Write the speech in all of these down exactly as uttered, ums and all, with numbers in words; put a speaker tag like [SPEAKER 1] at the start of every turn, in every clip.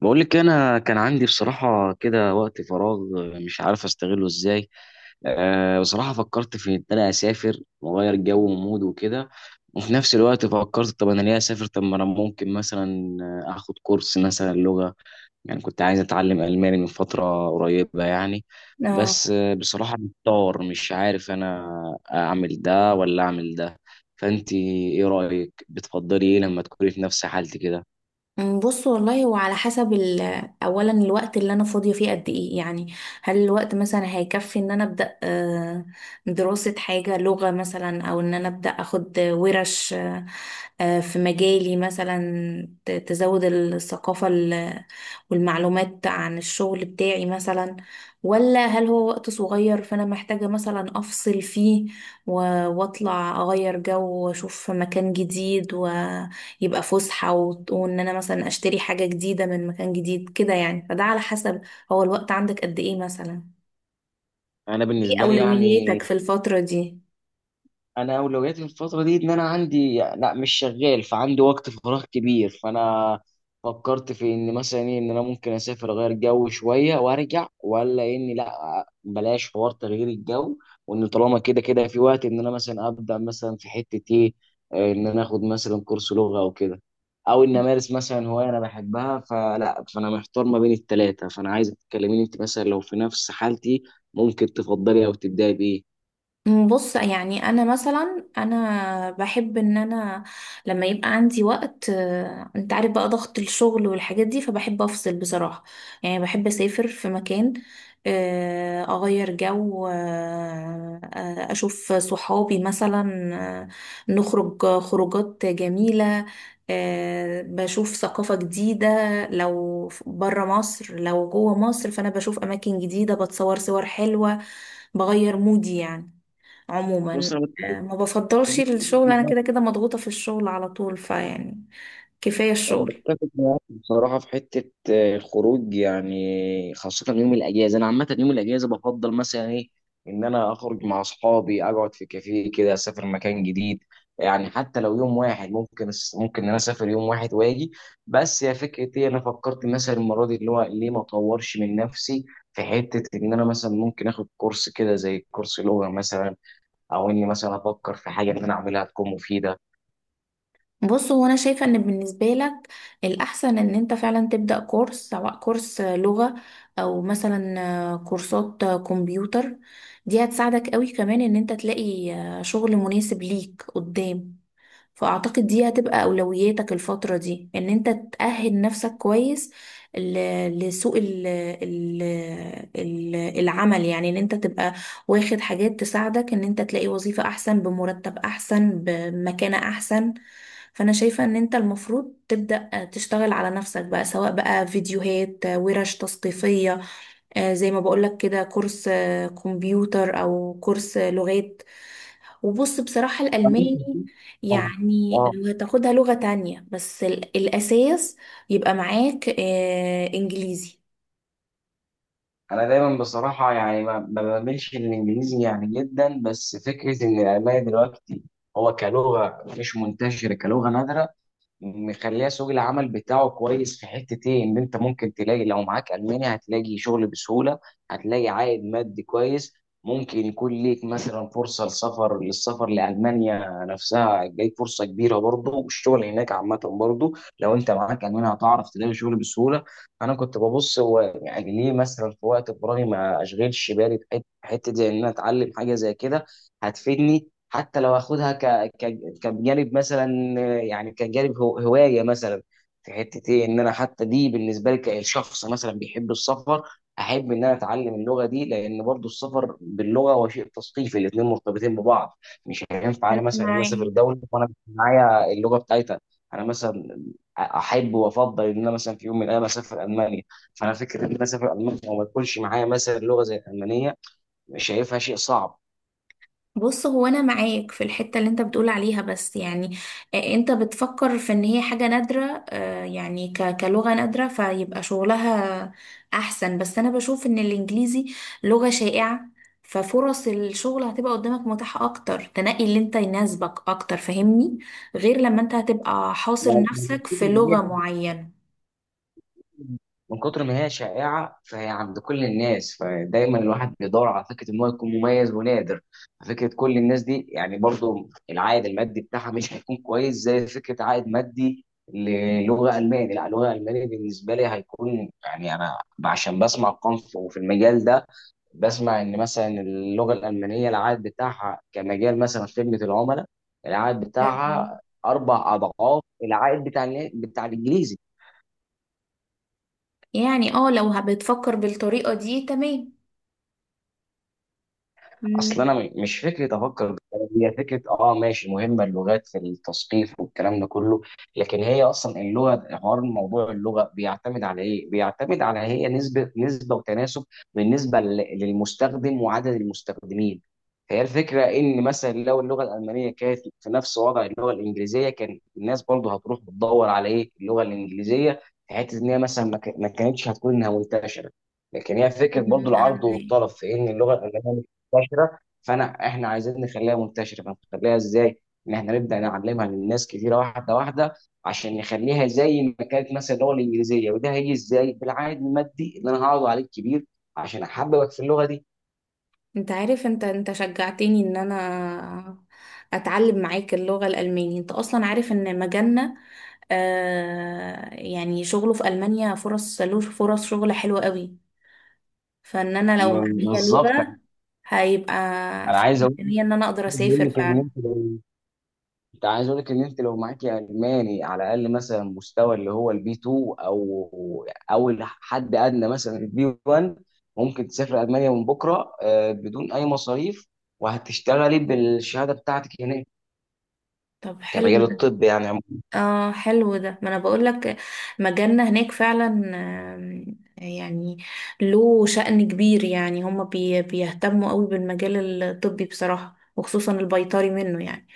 [SPEAKER 1] بقول لك انا كان عندي بصراحه كده وقت فراغ، مش عارف استغله ازاي. أه، بصراحه فكرت في ان انا اسافر واغير جو ومود وكده. وفي نفس الوقت فكرت طب انا ليه اسافر؟ طب ما انا ممكن مثلا اخد كورس مثلا لغه، يعني كنت عايز اتعلم الماني من فتره قريبه يعني.
[SPEAKER 2] اه
[SPEAKER 1] بس آه، بصراحه محتار مش عارف انا اعمل ده ولا اعمل ده. فانت ايه رايك؟ بتفضلي ايه لما تكوني في نفس حالتي كده؟
[SPEAKER 2] أم، بص، والله هو على حسب ال- اولا الوقت اللي انا فاضيه فيه قد ايه يعني. هل الوقت مثلا هيكفي ان انا ابدا آه، دراسه حاجه لغه مثلا، او ان انا ابدا اخد ورش آه، آه، في مجالي مثلا، ت- تزود الثقافه ال- والمعلومات عن الشغل بتاعي مثلا، ولا هل هو وقت صغير فانا محتاجه مثلا افصل فيه و- واطلع اغير جو واشوف مكان جديد، و يبقى فسحة و- وان انا مثلا اشتري حاجة جديدة من مكان جديد كده يعني. فده على حسب، هو الوقت عندك قد ايه مثلا؟
[SPEAKER 1] انا
[SPEAKER 2] ايه
[SPEAKER 1] بالنسبه لي يعني،
[SPEAKER 2] اولوياتك في الفترة دي؟
[SPEAKER 1] انا اولوياتي الفتره دي ان انا عندي لا مش شغال، فعندي وقت فراغ كبير، فانا فكرت في ان مثلا ايه ان انا ممكن اسافر اغير جو شويه وارجع، ولا اني لا بلاش حوار تغيير الجو، وان طالما كده كده في وقت ان انا مثلا ابدا مثلا في حته ايه، آه، ان انا اخد مثلا كورس لغه او كده، او ان امارس مثلا هوايه انا بحبها. فلا فانا محتار ما بين التلاته، فانا عايزك تكلميني انت مثلا لو في نفس حالتي ممكن تفضلي او تبداي بايه.
[SPEAKER 2] بص، يعني انا مثلا، انا بحب ان انا لما يبقى عندي وقت، آه، انت عارف بقى ضغط الشغل والحاجات دي، فبحب افصل بصراحة. يعني بحب اسافر في مكان، آه، اغير جو، آه، آه، اشوف صحابي مثلا، آه، نخرج خروجات جميلة، آه، بشوف ثقافة جديدة. لو برا مصر لو جوه مصر، فانا بشوف اماكن جديدة، بتصور صور حلوة، بغير مودي يعني عموما.
[SPEAKER 1] مثلا
[SPEAKER 2] آه، ما بفضلش الشغل، انا كده كده مضغوطة في الشغل على طول، فيعني كفاية
[SPEAKER 1] انا
[SPEAKER 2] الشغل.
[SPEAKER 1] بتفق معاك بصراحه في حته آه، الخروج، يعني خاصه يوم الاجازه، انا عامه يوم الاجازه بفضل مثلا ايه ان انا اخرج مع اصحابي، اقعد في كافيه كده، اسافر مكان جديد، يعني حتى لو يوم واحد ممكن، ممكن ان انا اسافر يوم واحد واجي. بس يا فكره ايه انا فكرت مثلا المره دي اللي هو ليه ما اطورش من نفسي في حته ان انا مثلا ممكن اخد كورس كده زي كورس لغه مثلا، او اني مثلا افكر في حاجه ان انا اعملها تكون مفيده.
[SPEAKER 2] بص، هو انا شايفة ان بالنسبة لك الاحسن ان انت فعلا تبدأ كورس، سواء كورس لغة، او مثلا آه، كورسات آه، كمبيوتر. دي هتساعدك قوي كمان ان انت تلاقي آه، شغل مناسب ليك قدام. فأعتقد دي هتبقى أولوياتك الفترة دي، إن أنت تأهل نفسك كويس ل- لسوق ال ال ال العمل يعني. إن أنت تبقى واخد حاجات تساعدك إن أنت تلاقي وظيفة أحسن، بمرتب أحسن، بمكانة أحسن. فأنا شايفة إن أنت المفروض تبدأ تشتغل على نفسك بقى، سواء بقى فيديوهات، ورش تثقيفية، آه، زي ما بقولك كده، كورس آه، كمبيوتر أو كورس لغات. وبص، بصراحة الألماني يعني
[SPEAKER 1] اه،
[SPEAKER 2] لو هتاخدها لغة تانية، بس ال- الأساس يبقى معاك آه إنجليزي.
[SPEAKER 1] انا دايما بصراحه يعني ما ما بميلش للانجليزي يعني جدا، بس فكره ان الالماني دلوقتي هو كلغه مش منتشره، كلغه نادره، مخليها سوق العمل بتاعه كويس، في حتة ايه ان انت ممكن تلاقي لو معاك الماني هتلاقي شغل بسهولة، هتلاقي عائد مادي كويس، ممكن يكون ليك مثلا فرصة لسفر للسفر لألمانيا نفسها جاي فرصة كبيرة برضه، والشغل هناك عامة برضه لو انت معاك ألماني هتعرف تلاقي شغل بسهولة. أنا كنت ببص هو يعني ليه مثلا في وقت فراغي ما أشغلش بالي بحتة حتة زي إن أنا أتعلم حاجة زي كده هتفيدني. حتى لو اخدها ك... ك... كجانب مثلا، آه، يعني كجانب هو... هوايه مثلا، في حته ايه ان انا حتى دي بالنسبه لي كشخص مثلا بيحب السفر، احب ان انا اتعلم اللغه دي، لان برضو السفر باللغه هو شيء تثقيفي، الاثنين مرتبطين ببعض. مش هينفع انا
[SPEAKER 2] أنا
[SPEAKER 1] مثلا ان انا
[SPEAKER 2] معاك،
[SPEAKER 1] اسافر دوله وانا مش معايا اللغه بتاعتها. انا مثلا احب وافضل ان انا مثلا في يوم من الايام اسافر المانيا، فانا فكره ان انا اسافر المانيا وما يكونش معايا مثلا لغه زي الالمانيه شايفها شيء صعب.
[SPEAKER 2] بص هو انا معاك في الحتة اللي انت بتقول عليها، بس يعني آه، انت بتفكر في ان هي حاجة نادرة، آه، يعني ك- كلغة نادرة فيبقى شغلها احسن. بس انا بشوف ان الانجليزي لغة شائعة، ففرص الشغل هتبقى قدامك متاحة اكتر، تنقي اللي انت يناسبك اكتر، فاهمني؟ غير لما انت هتبقى حاصر
[SPEAKER 1] ما-
[SPEAKER 2] نفسك في لغة معينة.
[SPEAKER 1] من كتر ما هي شائعة فهي عند كل الناس، فدايما الواحد بيدور على فكرة ان هو يكون مميز ونادر فكرة كل الناس دي، يعني برضو العائد المادي بتاعها مش هيكون كويس زي فكرة عائد مادي للغة ألماني. لا اللغة الألمانية بالنسبة لي هيكون يعني أنا عشان بسمع أرقام في في المجال ده، بسمع إن مثلا اللغة الألمانية العائد بتاعها كمجال مثلا خدمة العملاء، العائد
[SPEAKER 2] تمام.
[SPEAKER 1] بتاعها أربع أضعاف العائد بتاع بتاع الإنجليزي.
[SPEAKER 2] يعني اه، لو بتفكر بالطريقة دي تمام.
[SPEAKER 1] اصل
[SPEAKER 2] مم.
[SPEAKER 1] انا م- مش فكره افكر بالطريقة دي، هي فكره اه ماشي، مهمه اللغات في التثقيف والكلام ده كله، لكن هي اصلا اللغه حوار موضوع اللغه بيعتمد على ايه؟ بيعتمد على هي نسبه نسبه وتناسب بالنسبه لل- للمستخدم وعدد المستخدمين. فهي الفكره ان مثلا لو اللغه الالمانيه كانت في نفس وضع اللغه الانجليزيه كان الناس برضه هتروح بتدور على ايه؟ اللغه الانجليزيه، في حته ان هي مثلا ما ك- ما كانتش هتكون انها منتشره. لكن هي فكره
[SPEAKER 2] مم،
[SPEAKER 1] برضه
[SPEAKER 2] أنا
[SPEAKER 1] العرض
[SPEAKER 2] معاك.
[SPEAKER 1] والطلب في ان اللغه الالمانيه منتشره. فانا احنا عايزين نخليها منتشره فنخليها ازاي؟ ان احنا نبدا نعلمها للناس كتيره واحده واحده عشان نخليها زي ما كانت مثلا اللغه الانجليزيه، وده هيجي ازاي؟ بالعائد المادي اللي انا هقعد عليه كبير عشان احببك في اللغه دي.
[SPEAKER 2] انت عارف، انت انت شجعتني ان انا اتعلم معاك اللغة الألمانية. انت اصلا عارف ان مجالنا آه يعني شغله في ألمانيا، فرص له فرص شغل حلوة قوي. فان انا لو
[SPEAKER 1] م-
[SPEAKER 2] معايا
[SPEAKER 1] بالظبط.
[SPEAKER 2] لغة هيبقى
[SPEAKER 1] انا
[SPEAKER 2] في
[SPEAKER 1] عايز اقول
[SPEAKER 2] امكانية ان انا اقدر اسافر
[SPEAKER 1] لك إن
[SPEAKER 2] فعلا.
[SPEAKER 1] انت، انت عايز اقول لك ان انت لو معاكي الماني على الاقل مثلا مستوى اللي هو البي اتنين او او حد ادنى مثلا البي واحد، ممكن تسافر المانيا من بكره آه، بدون اي مصاريف، وهتشتغلي بالشهاده بتاعتك هناك
[SPEAKER 2] طب حلو،
[SPEAKER 1] كمجال الطب يعني عموما.
[SPEAKER 2] اه حلو. ده ما انا بقول لك مجالنا هناك فعلا. آم، يعني له شأن كبير، يعني هما بي بيهتموا قوي بالمجال الطبي بصراحة، وخصوصا البيطري منه يعني.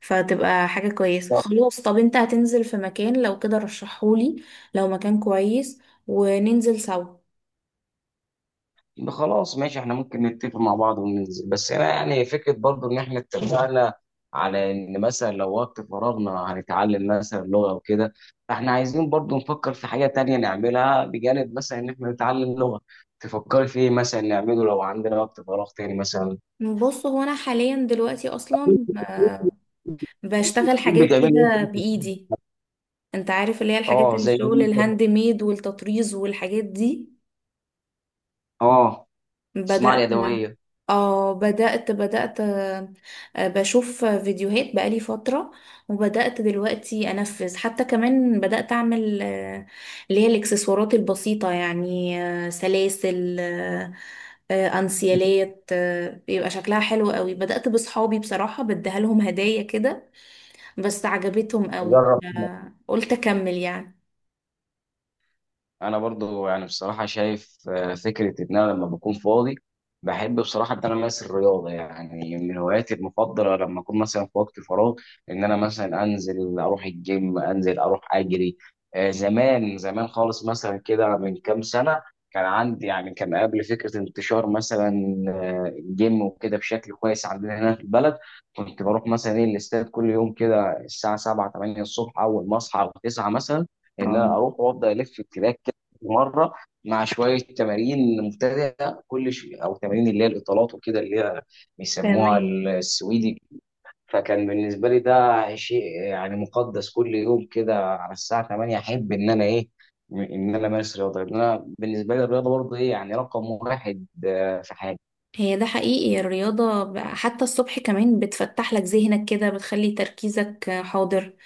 [SPEAKER 2] فتبقى حاجة كويسة. خلاص، طب انت هتنزل في مكان لو كده رشحهولي، لو مكان كويس، وننزل سوا.
[SPEAKER 1] يبقى خلاص ماشي، احنا ممكن نتفق مع بعض وننزل، بس انا يعني فكره برضو ان احنا اتفقنا على ان مثلا لو وقت فراغنا هنتعلم مثلا لغه وكده، فاحنا عايزين برضو نفكر في حاجه تانية نعملها بجانب مثلا ان احنا نتعلم لغه. تفكري في ايه مثلا نعمله لو عندنا وقت فراغ تاني مثلا؟
[SPEAKER 2] بص هو انا حاليا دلوقتي اصلا آه، بشتغل حاجات
[SPEAKER 1] بتعملي ايه؟
[SPEAKER 2] كده بإيدي. انت عارف اللي هي الحاجات،
[SPEAKER 1] اه زي إيه؟
[SPEAKER 2] الشغل
[SPEAKER 1] مثلاً-
[SPEAKER 2] الهاند ميد والتطريز والحاجات دي.
[SPEAKER 1] اه، الصناعه
[SPEAKER 2] بدأت،
[SPEAKER 1] اليدويه.
[SPEAKER 2] اه بدأت بدأت آه، بشوف فيديوهات بقالي فترة، وبدأت دلوقتي أنفذ. حتى كمان بدأت أعمل آه، اللي هي الإكسسوارات البسيطة، يعني آه، سلاسل، آه، آه، أنسيالات، آه، بيبقى شكلها حلو قوي. بدأت بصحابي بصراحة بديها لهم هدايا كده، بس عجبتهم قوي،
[SPEAKER 1] نجرب.
[SPEAKER 2] آه، قلت أكمل يعني.
[SPEAKER 1] انا برضو يعني بصراحه شايف آه، فكره ان انا لما بكون فاضي بحب بصراحه ان انا امارس الرياضه، يعني من هواياتي المفضله لما اكون مثلا في وقت فراغ ان انا مثلا انزل اروح الجيم، انزل اروح اجري. آه، زمان زمان خالص مثلا كده من كام سنه، كان عندي يعني كان قبل فكره انتشار مثلا آه، الجيم وكده بشكل كويس عندنا هنا في البلد، كنت بروح مثلا ايه الاستاد كل يوم كده الساعه سبعة تمانية الصبح اول ما اصحى او التاسعة مثلا، ان
[SPEAKER 2] اه
[SPEAKER 1] انا اروح وافضل الف في التراك مره، مع شويه تمارين مبتدئه كل شيء او تمارين اللي هي الاطالات وكده اللي هي بيسموها
[SPEAKER 2] تمام،
[SPEAKER 1] السويدي. فكان بالنسبه لي ده شيء يعني مقدس كل يوم كده على الساعه تمانية احب ان انا ايه م- ان انا امارس رياضه، لان انا بالنسبه لي الرياضه برضه ايه يعني رقم واحد آه، في حياتي.
[SPEAKER 2] هي ده حقيقي الرياضة، ب- حتى الصبح كمان بتفتح لك ذهنك كده، بتخلي تركيزك حاضر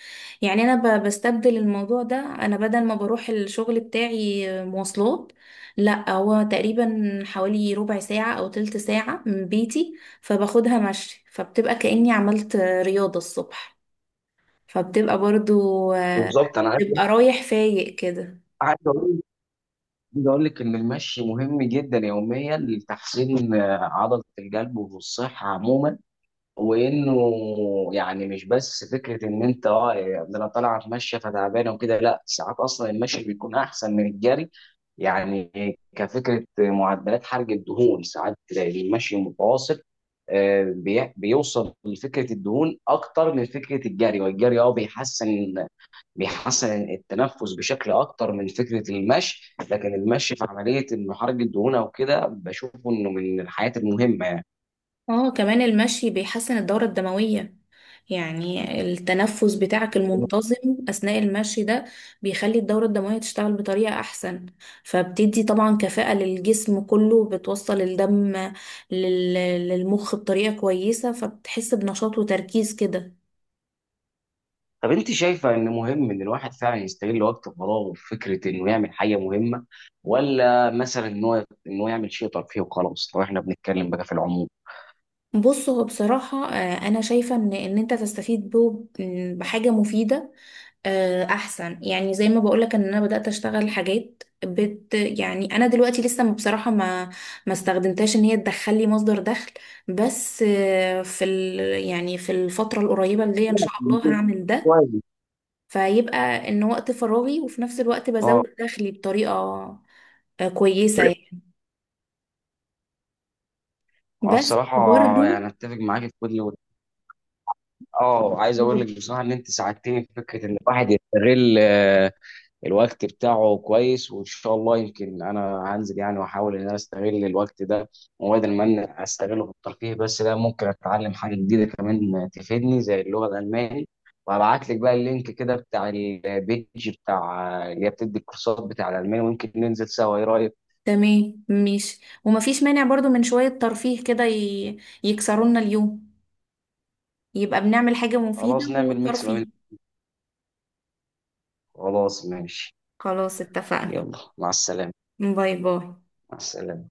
[SPEAKER 2] يعني. أنا ب- بستبدل الموضوع ده، أنا بدل ما بروح الشغل بتاعي مواصلات، لا هو تقريبا حوالي ربع ساعة أو تلت ساعة من بيتي، فباخدها مشي، فبتبقى كأني عملت رياضة الصبح. فبتبقى برضو آه،
[SPEAKER 1] بالظبط. انا عايز
[SPEAKER 2] تبقى رايح فايق كده.
[SPEAKER 1] عايز اقول عايز اقول لك ان المشي مهم جدا يوميا لتحسين آه، عضله القلب والصحه عموما، وانه يعني مش بس فكره ان انت اه ده انا طالع اتمشى فتعبان وكده، لا ساعات اصلا المشي بيكون احسن من الجري، يعني كفكره معدلات حرق الدهون ساعات تلاقي المشي المتواصل آه، بي- بيوصل لفكره الدهون اكتر من فكره الجري، والجري اه بيحسن بيحسن التنفس بشكل اكتر من فكره المشي، لكن المشي في عمليه انه حرق الدهون او كده بشوفه انه من الحاجات المهمه يعني.
[SPEAKER 2] اه كمان المشي بيحسن الدورة الدموية، يعني التنفس بتاعك المنتظم أثناء المشي ده بيخلي الدورة الدموية تشتغل بطريقة أحسن، فبتدي طبعا كفاءة للجسم كله، بتوصل الدم لل- للمخ بطريقة كويسة، فبتحس بنشاط وتركيز كده.
[SPEAKER 1] طب انت شايفه ان مهم ان الواحد فعلا يستغل وقت فراغه في فكره انه يعمل حاجه مهمه ولا مثلا ان هو ان هو يعمل شيء ترفيهي وخلاص، لو احنا بنتكلم بقى في العموم؟
[SPEAKER 2] بص هو بصراحة آه، أنا شايفة إن إن أنت تستفيد به م، بحاجة مفيدة آه، أحسن. يعني زي ما بقولك، إن أنا بدأت أشتغل حاجات بت، يعني أنا دلوقتي لسه م- بصراحة ما ما استخدمتهاش إن هي تدخل لي مصدر دخل، بس آه، في ال يعني في الفترة القريبة اللي هي إن شاء الله هعمل ده.
[SPEAKER 1] كويس.
[SPEAKER 2] فيبقى إن وقت فراغي وفي نفس الوقت
[SPEAKER 1] اه،
[SPEAKER 2] بزود دخلي بطريقة آه، كويسة يعني.
[SPEAKER 1] انا
[SPEAKER 2] بس
[SPEAKER 1] بصراحه
[SPEAKER 2] برضو
[SPEAKER 1] يعني اتفق معاك في كل اه، عايز اقول لك بصراحه ان انت ساعدتني في فكره ان الواحد يستغل الوقت بتاعه كويس، وان شاء الله يمكن انا هنزل يعني واحاول ان انا استغل الوقت ده، وبدل ما انا استغله في الترفيه بس لا ممكن اتعلم حاجه جديده كمان تفيدني زي اللغه الالماني، وهبعت لك بقى اللينك كده بتاع البيج بتاع اللي هي بتدي الكورسات بتاع الالماني، ويمكن ننزل سوا ايه رايك؟
[SPEAKER 2] تمام ماشي، ومفيش مانع برضو من شوية ترفيه كده، ي... يكسرونا اليوم. يبقى بنعمل حاجة مفيدة
[SPEAKER 1] خلاص نعمل ميكس ما بين.
[SPEAKER 2] وترفيه.
[SPEAKER 1] خلاص ماشي.
[SPEAKER 2] خلاص اتفقنا.
[SPEAKER 1] يلا مع السلامه.
[SPEAKER 2] باي باي.
[SPEAKER 1] مع السلامه.